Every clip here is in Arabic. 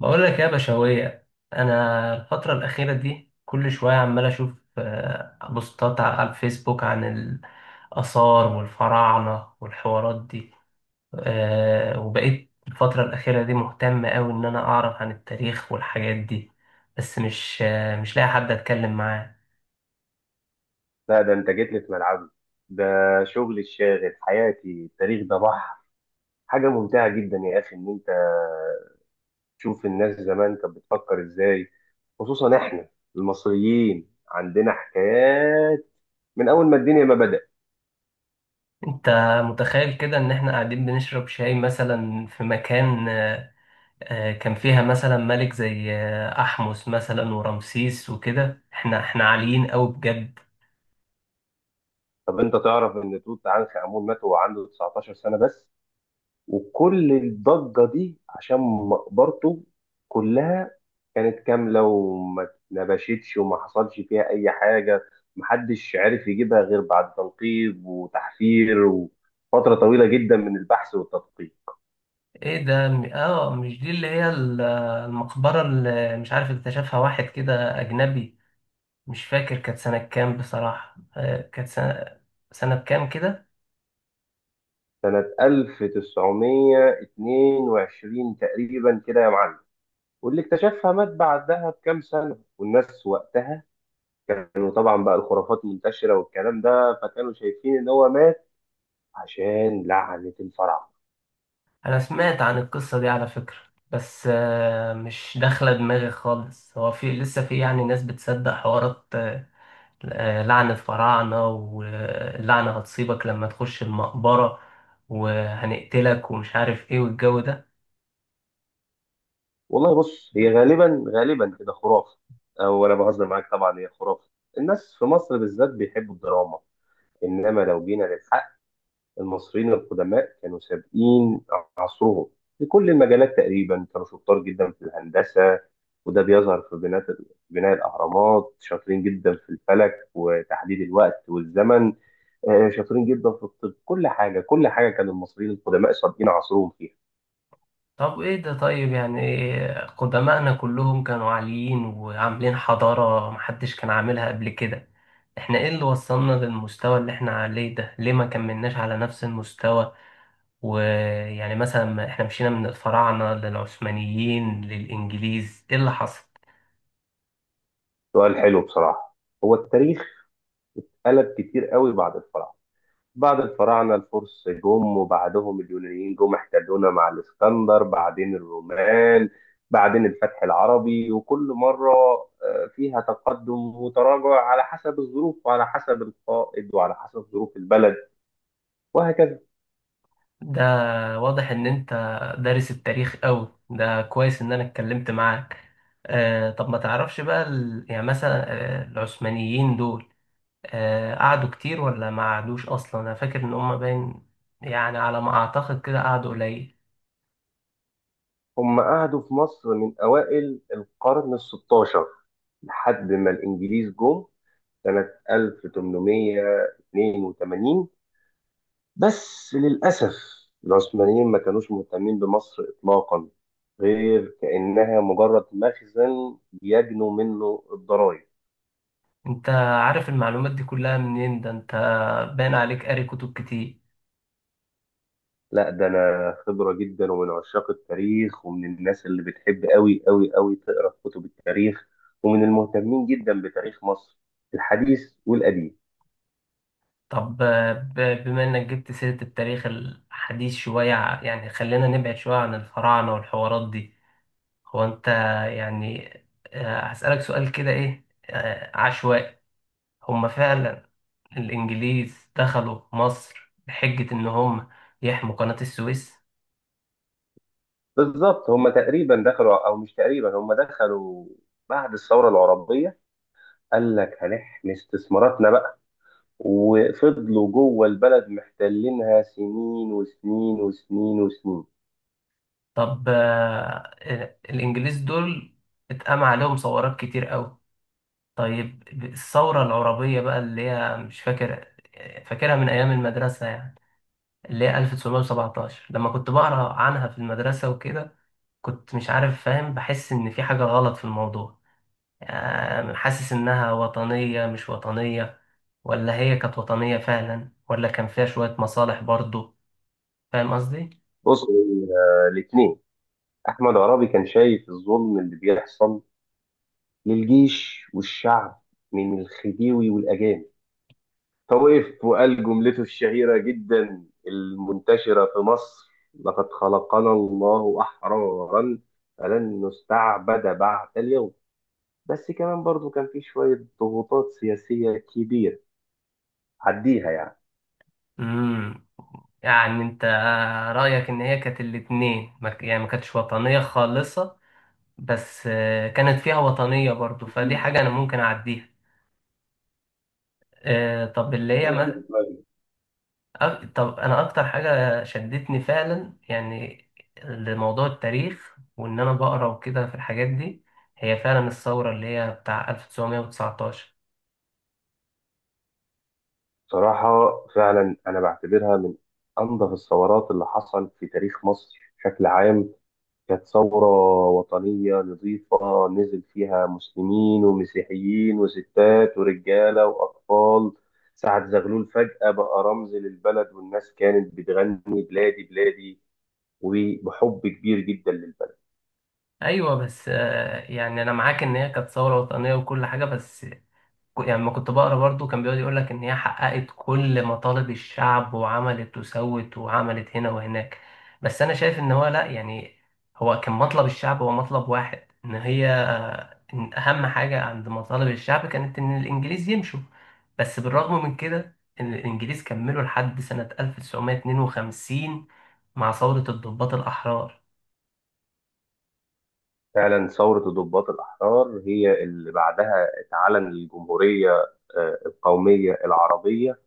بقول لك يا بشوية، أنا الفترة الأخيرة دي كل شوية عمال أشوف بوستات على الفيسبوك عن الآثار والفراعنة والحوارات دي. وبقيت الفترة الأخيرة دي مهتم أوي إن أنا أعرف عن التاريخ والحاجات دي، بس مش مش لاقي حد أتكلم معاه. لا، ده انت جيت لي في ملعبي. ده شغل الشاغل حياتي، التاريخ ده بحر. حاجة ممتعة جدا يا أخي إن أنت تشوف الناس زمان كانت بتفكر إزاي. خصوصا إحنا المصريين عندنا حكايات من أول ما الدنيا ما بدأت. أنت متخيل كده إن إحنا قاعدين بنشرب شاي مثلا في مكان؟ كان فيها مثلا ملك زي أحمس مثلا ورمسيس وكده، احنا عاليين قوي بجد. طب أنت تعرف إن توت عنخ آمون مات وهو عنده 19 سنة بس؟ وكل الضجة دي عشان مقبرته كلها كانت كاملة وما اتنبشتش وما حصلش فيها أي حاجة. محدش عرف يجيبها غير بعد تنقيب وتحفير وفترة طويلة جدا من البحث والتدقيق، ايه ده مش دي اللي هي المقبرة اللي مش عارف اكتشفها واحد كده أجنبي؟ مش فاكر كانت سنة كام بصراحة. كانت سنة كام كده؟ سنة 1922 تقريبا كده يا معلم. واللي اكتشفها مات بعدها بكام سنة، والناس وقتها كانوا طبعا بقى الخرافات منتشرة والكلام ده، فكانوا شايفين إن هو مات عشان لعنة الفراعنة. أنا سمعت عن القصة دي على فكرة، بس مش داخلة دماغي خالص. هو لسه في يعني ناس بتصدق حوارات لعنة فراعنة، واللعنة هتصيبك لما تخش المقبرة وهنقتلك ومش عارف ايه والجو ده؟ والله بص، هي غالبا غالبا كده خرافه، او انا بهزر معاك. طبعا هي خرافه. الناس في مصر بالذات بيحبوا الدراما. انما لو جينا للحق، المصريين القدماء كانوا سابقين عصرهم في كل المجالات. تقريبا كانوا شطار جدا في الهندسه، وده بيظهر في بناء الاهرامات. شاطرين جدا في الفلك وتحديد الوقت والزمن. شاطرين جدا في الطب. كل حاجه كل حاجه كان المصريين القدماء سابقين عصرهم فيها. طب ايه ده؟ طيب يعني قدماءنا كلهم كانوا عاليين وعاملين حضارة محدش كان عاملها قبل كده، احنا ايه اللي وصلنا للمستوى اللي احنا عليه ده؟ ليه ما كملناش على نفس المستوى؟ ويعني مثلا ما احنا مشينا من الفراعنة للعثمانيين للإنجليز، ايه اللي حصل؟ سؤال حلو بصراحه. هو التاريخ قلب كتير قوي بعد الفراعنه. بعد الفراعنه الفرس جم، وبعدهم اليونانيين جم احتلونا مع الاسكندر، بعدين الرومان، بعدين الفتح العربي. وكل مره فيها تقدم وتراجع، على حسب الظروف وعلى حسب القائد وعلى حسب ظروف البلد، وهكذا. ده واضح ان انت دارس التاريخ قوي. ده كويس ان انا اتكلمت معاك. آه، طب ما تعرفش بقى يعني مثلا آه العثمانيين دول آه قعدوا كتير ولا ما قعدوش؟ اصلا انا فاكر ان هم باين يعني على ما اعتقد كده قعدوا قليل. هم قعدوا في مصر من اوائل القرن ال 16 لحد ما الانجليز جم سنه 1882. بس للأسف العثمانيين ما كانوش مهتمين بمصر إطلاقا، غير كأنها مجرد مخزن يجنوا منه الضرائب. انت عارف المعلومات دي كلها منين؟ ده انت باين عليك قاري كتب كتير. لا، ده أنا خبرة جدا ومن عشاق التاريخ، ومن الناس اللي بتحب أوي أوي أوي تقرأ في كتب التاريخ، ومن المهتمين جدا بتاريخ مصر الحديث والقديم. طب، بما انك جبت سيرة التاريخ الحديث شوية، يعني خلينا نبعد شوية عن الفراعنة والحوارات دي. هو انت يعني، هسألك سؤال كده، ايه عشوائي. هم فعلا الانجليز دخلوا مصر بحجة ان هم يحموا قناة السويس؟ بالظبط، هم تقريبا دخلوا أو مش تقريبا، هم دخلوا بعد الثورة العربية. قال لك هنحمي استثماراتنا بقى، وفضلوا جوه البلد محتلينها سنين وسنين وسنين وسنين. طب الانجليز دول اتقام عليهم ثورات كتير قوي. طيب الثورة العربية بقى اللي هي مش فاكر، فاكرها من ايام المدرسة يعني، اللي هي 1917، لما كنت بقرا عنها في المدرسة وكده كنت مش عارف فاهم، بحس ان في حاجة غلط في الموضوع. يعني حاسس إنها وطنية مش وطنية؟ ولا هي كانت وطنية فعلا ولا كان فيها شوية مصالح برضو؟ فاهم قصدي؟ بص، الاثنين. احمد عرابي كان شايف الظلم اللي بيحصل للجيش والشعب من الخديوي والاجانب، فوقف وقال جملته الشهيره جدا المنتشره في مصر: لقد خلقنا الله احرارا فلن نستعبد بعد اليوم. بس كمان برضو كان في شويه ضغوطات سياسيه كبيره، عديها. امم، يعني أنت رأيك إن هي كانت الاتنين، ما ك- يعني ما كانتش وطنية خالصة بس كانت فيها وطنية برضو، فدي يعني، حاجة أنا ممكن أعديها. طب اللي هي طب انا اكتر حاجه شدتني فعلا يعني لموضوع التاريخ وان انا بقرا وكده في الحاجات دي، هي فعلا الثوره اللي هي بتاع 1919. صراحة، فعلا أنا بعتبرها من أنظف الثورات اللي حصل في تاريخ مصر بشكل عام. كانت ثورة وطنية نظيفة، نزل فيها مسلمين ومسيحيين وستات ورجالة وأطفال. سعد زغلول فجأة بقى رمز للبلد، والناس كانت بتغني بلادي بلادي، وبحب كبير جدا للبلد. ايوه بس يعني انا معاك ان هي كانت ثوره وطنيه وكل حاجه، بس يعني لما كنت بقرا برضو كان بيقعد يقول لك ان هي حققت كل مطالب الشعب وعملت وسوت وعملت هنا وهناك، بس انا شايف ان هو لا. يعني هو كان مطلب الشعب هو مطلب واحد، ان هي إن اهم حاجة عند مطالب الشعب كانت ان الانجليز يمشوا، بس بالرغم من كده ان الانجليز كملوا لحد سنة 1952 مع ثورة الضباط الاحرار. فعلا ثورة الضباط الأحرار هي اللي بعدها اتعلن الجمهورية، القومية العربية.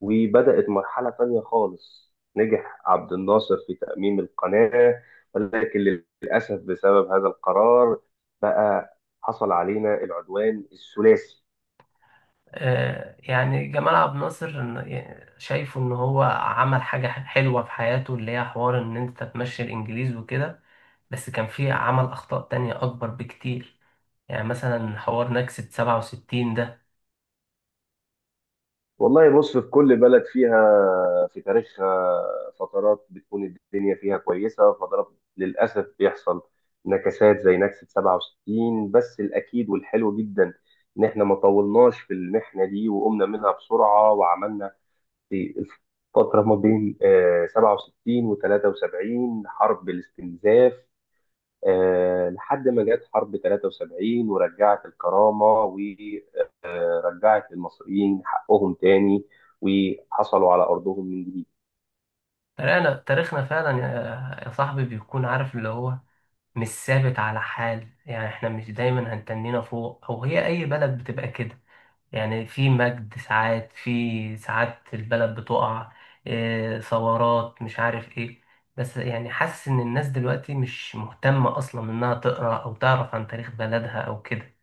وبدأت مرحلة تانية خالص، نجح عبد الناصر في تأميم القناة، ولكن للأسف بسبب هذا القرار بقى حصل علينا العدوان الثلاثي. يعني جمال عبد الناصر يعني شايفه ان هو عمل حاجة حلوة في حياته اللي هي حوار ان انت تمشي الانجليز وكده، بس كان في عمل اخطاء تانية اكبر بكتير. يعني مثلا حوار نكسة 67 ده. والله بص، في كل بلد فيها في تاريخها فترات بتكون الدنيا فيها كويسة، وفترات للأسف بيحصل نكسات زي نكسة 67. بس الأكيد والحلو جدا إن إحنا ما طولناش في المحنة دي وقمنا منها بسرعة، وعملنا في الفترة ما بين 67 و 73 حرب الاستنزاف. لحد ما جت حرب 73 ورجعت الكرامة، ورجعت المصريين حقهم تاني، وحصلوا على أرضهم من جديد. تاريخنا فعلا، يا صاحبي، بيكون عارف اللي هو مش ثابت على حال. يعني احنا مش دايما هنتنينا فوق، او هي اي بلد بتبقى كده. يعني في مجد ساعات، في ساعات البلد بتقع. إيه، ثورات مش عارف ايه. بس يعني حاسس ان الناس دلوقتي مش مهتمة اصلا انها تقرأ او تعرف عن تاريخ بلدها او كده.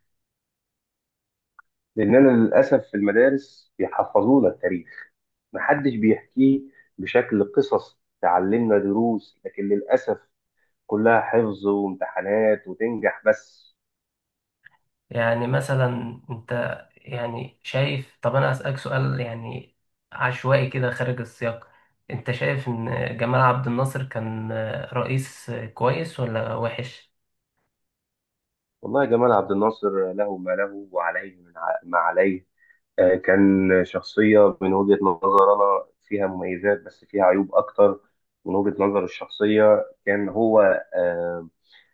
لأننا للأسف في المدارس بيحفظونا التاريخ، محدش بيحكيه بشكل قصص تعلمنا دروس، لكن للأسف كلها حفظ وامتحانات وتنجح بس. يعني مثلا انت يعني شايف، طب انا اسألك سؤال يعني عشوائي كده خارج السياق، انت شايف ان جمال عبد الناصر كان رئيس كويس ولا وحش؟ والله جمال عبد الناصر له ما له وعليه ما عليه. كان شخصية من وجهة نظر أنا فيها مميزات بس فيها عيوب أكتر. من وجهة نظر الشخصية كان هو آه،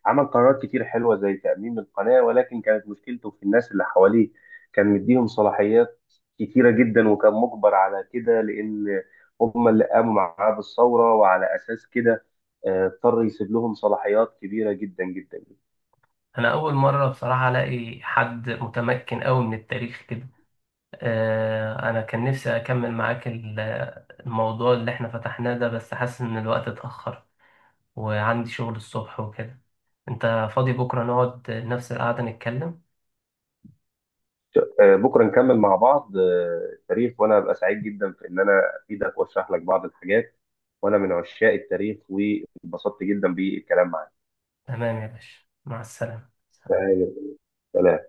عمل قرارات كتير حلوة زي تأميم القناة، ولكن كانت مشكلته في الناس اللي حواليه. كان مديهم صلاحيات كتيرة جدا، وكان مجبر على كده لأن هم اللي قاموا معاه بالثورة، وعلى أساس كده اضطر يسيب لهم صلاحيات كبيرة جدا جدا. انا اول مرة بصراحة الاقي حد متمكن قوي من التاريخ كده. أنا كان نفسي أكمل معاك الموضوع اللي إحنا فتحناه ده، بس حاسس إن الوقت اتأخر وعندي شغل الصبح وكده. أنت فاضي بكرة نقعد نفس القعدة نتكلم؟ بكره نكمل مع بعض التاريخ، وانا ابقى سعيد جدا في ان انا افيدك واشرح لك بعض الحاجات، وانا من عشاق التاريخ واتبسطت جدا بالكلام معاك. تمام يا باشا، مع السلامة. تمام. سلام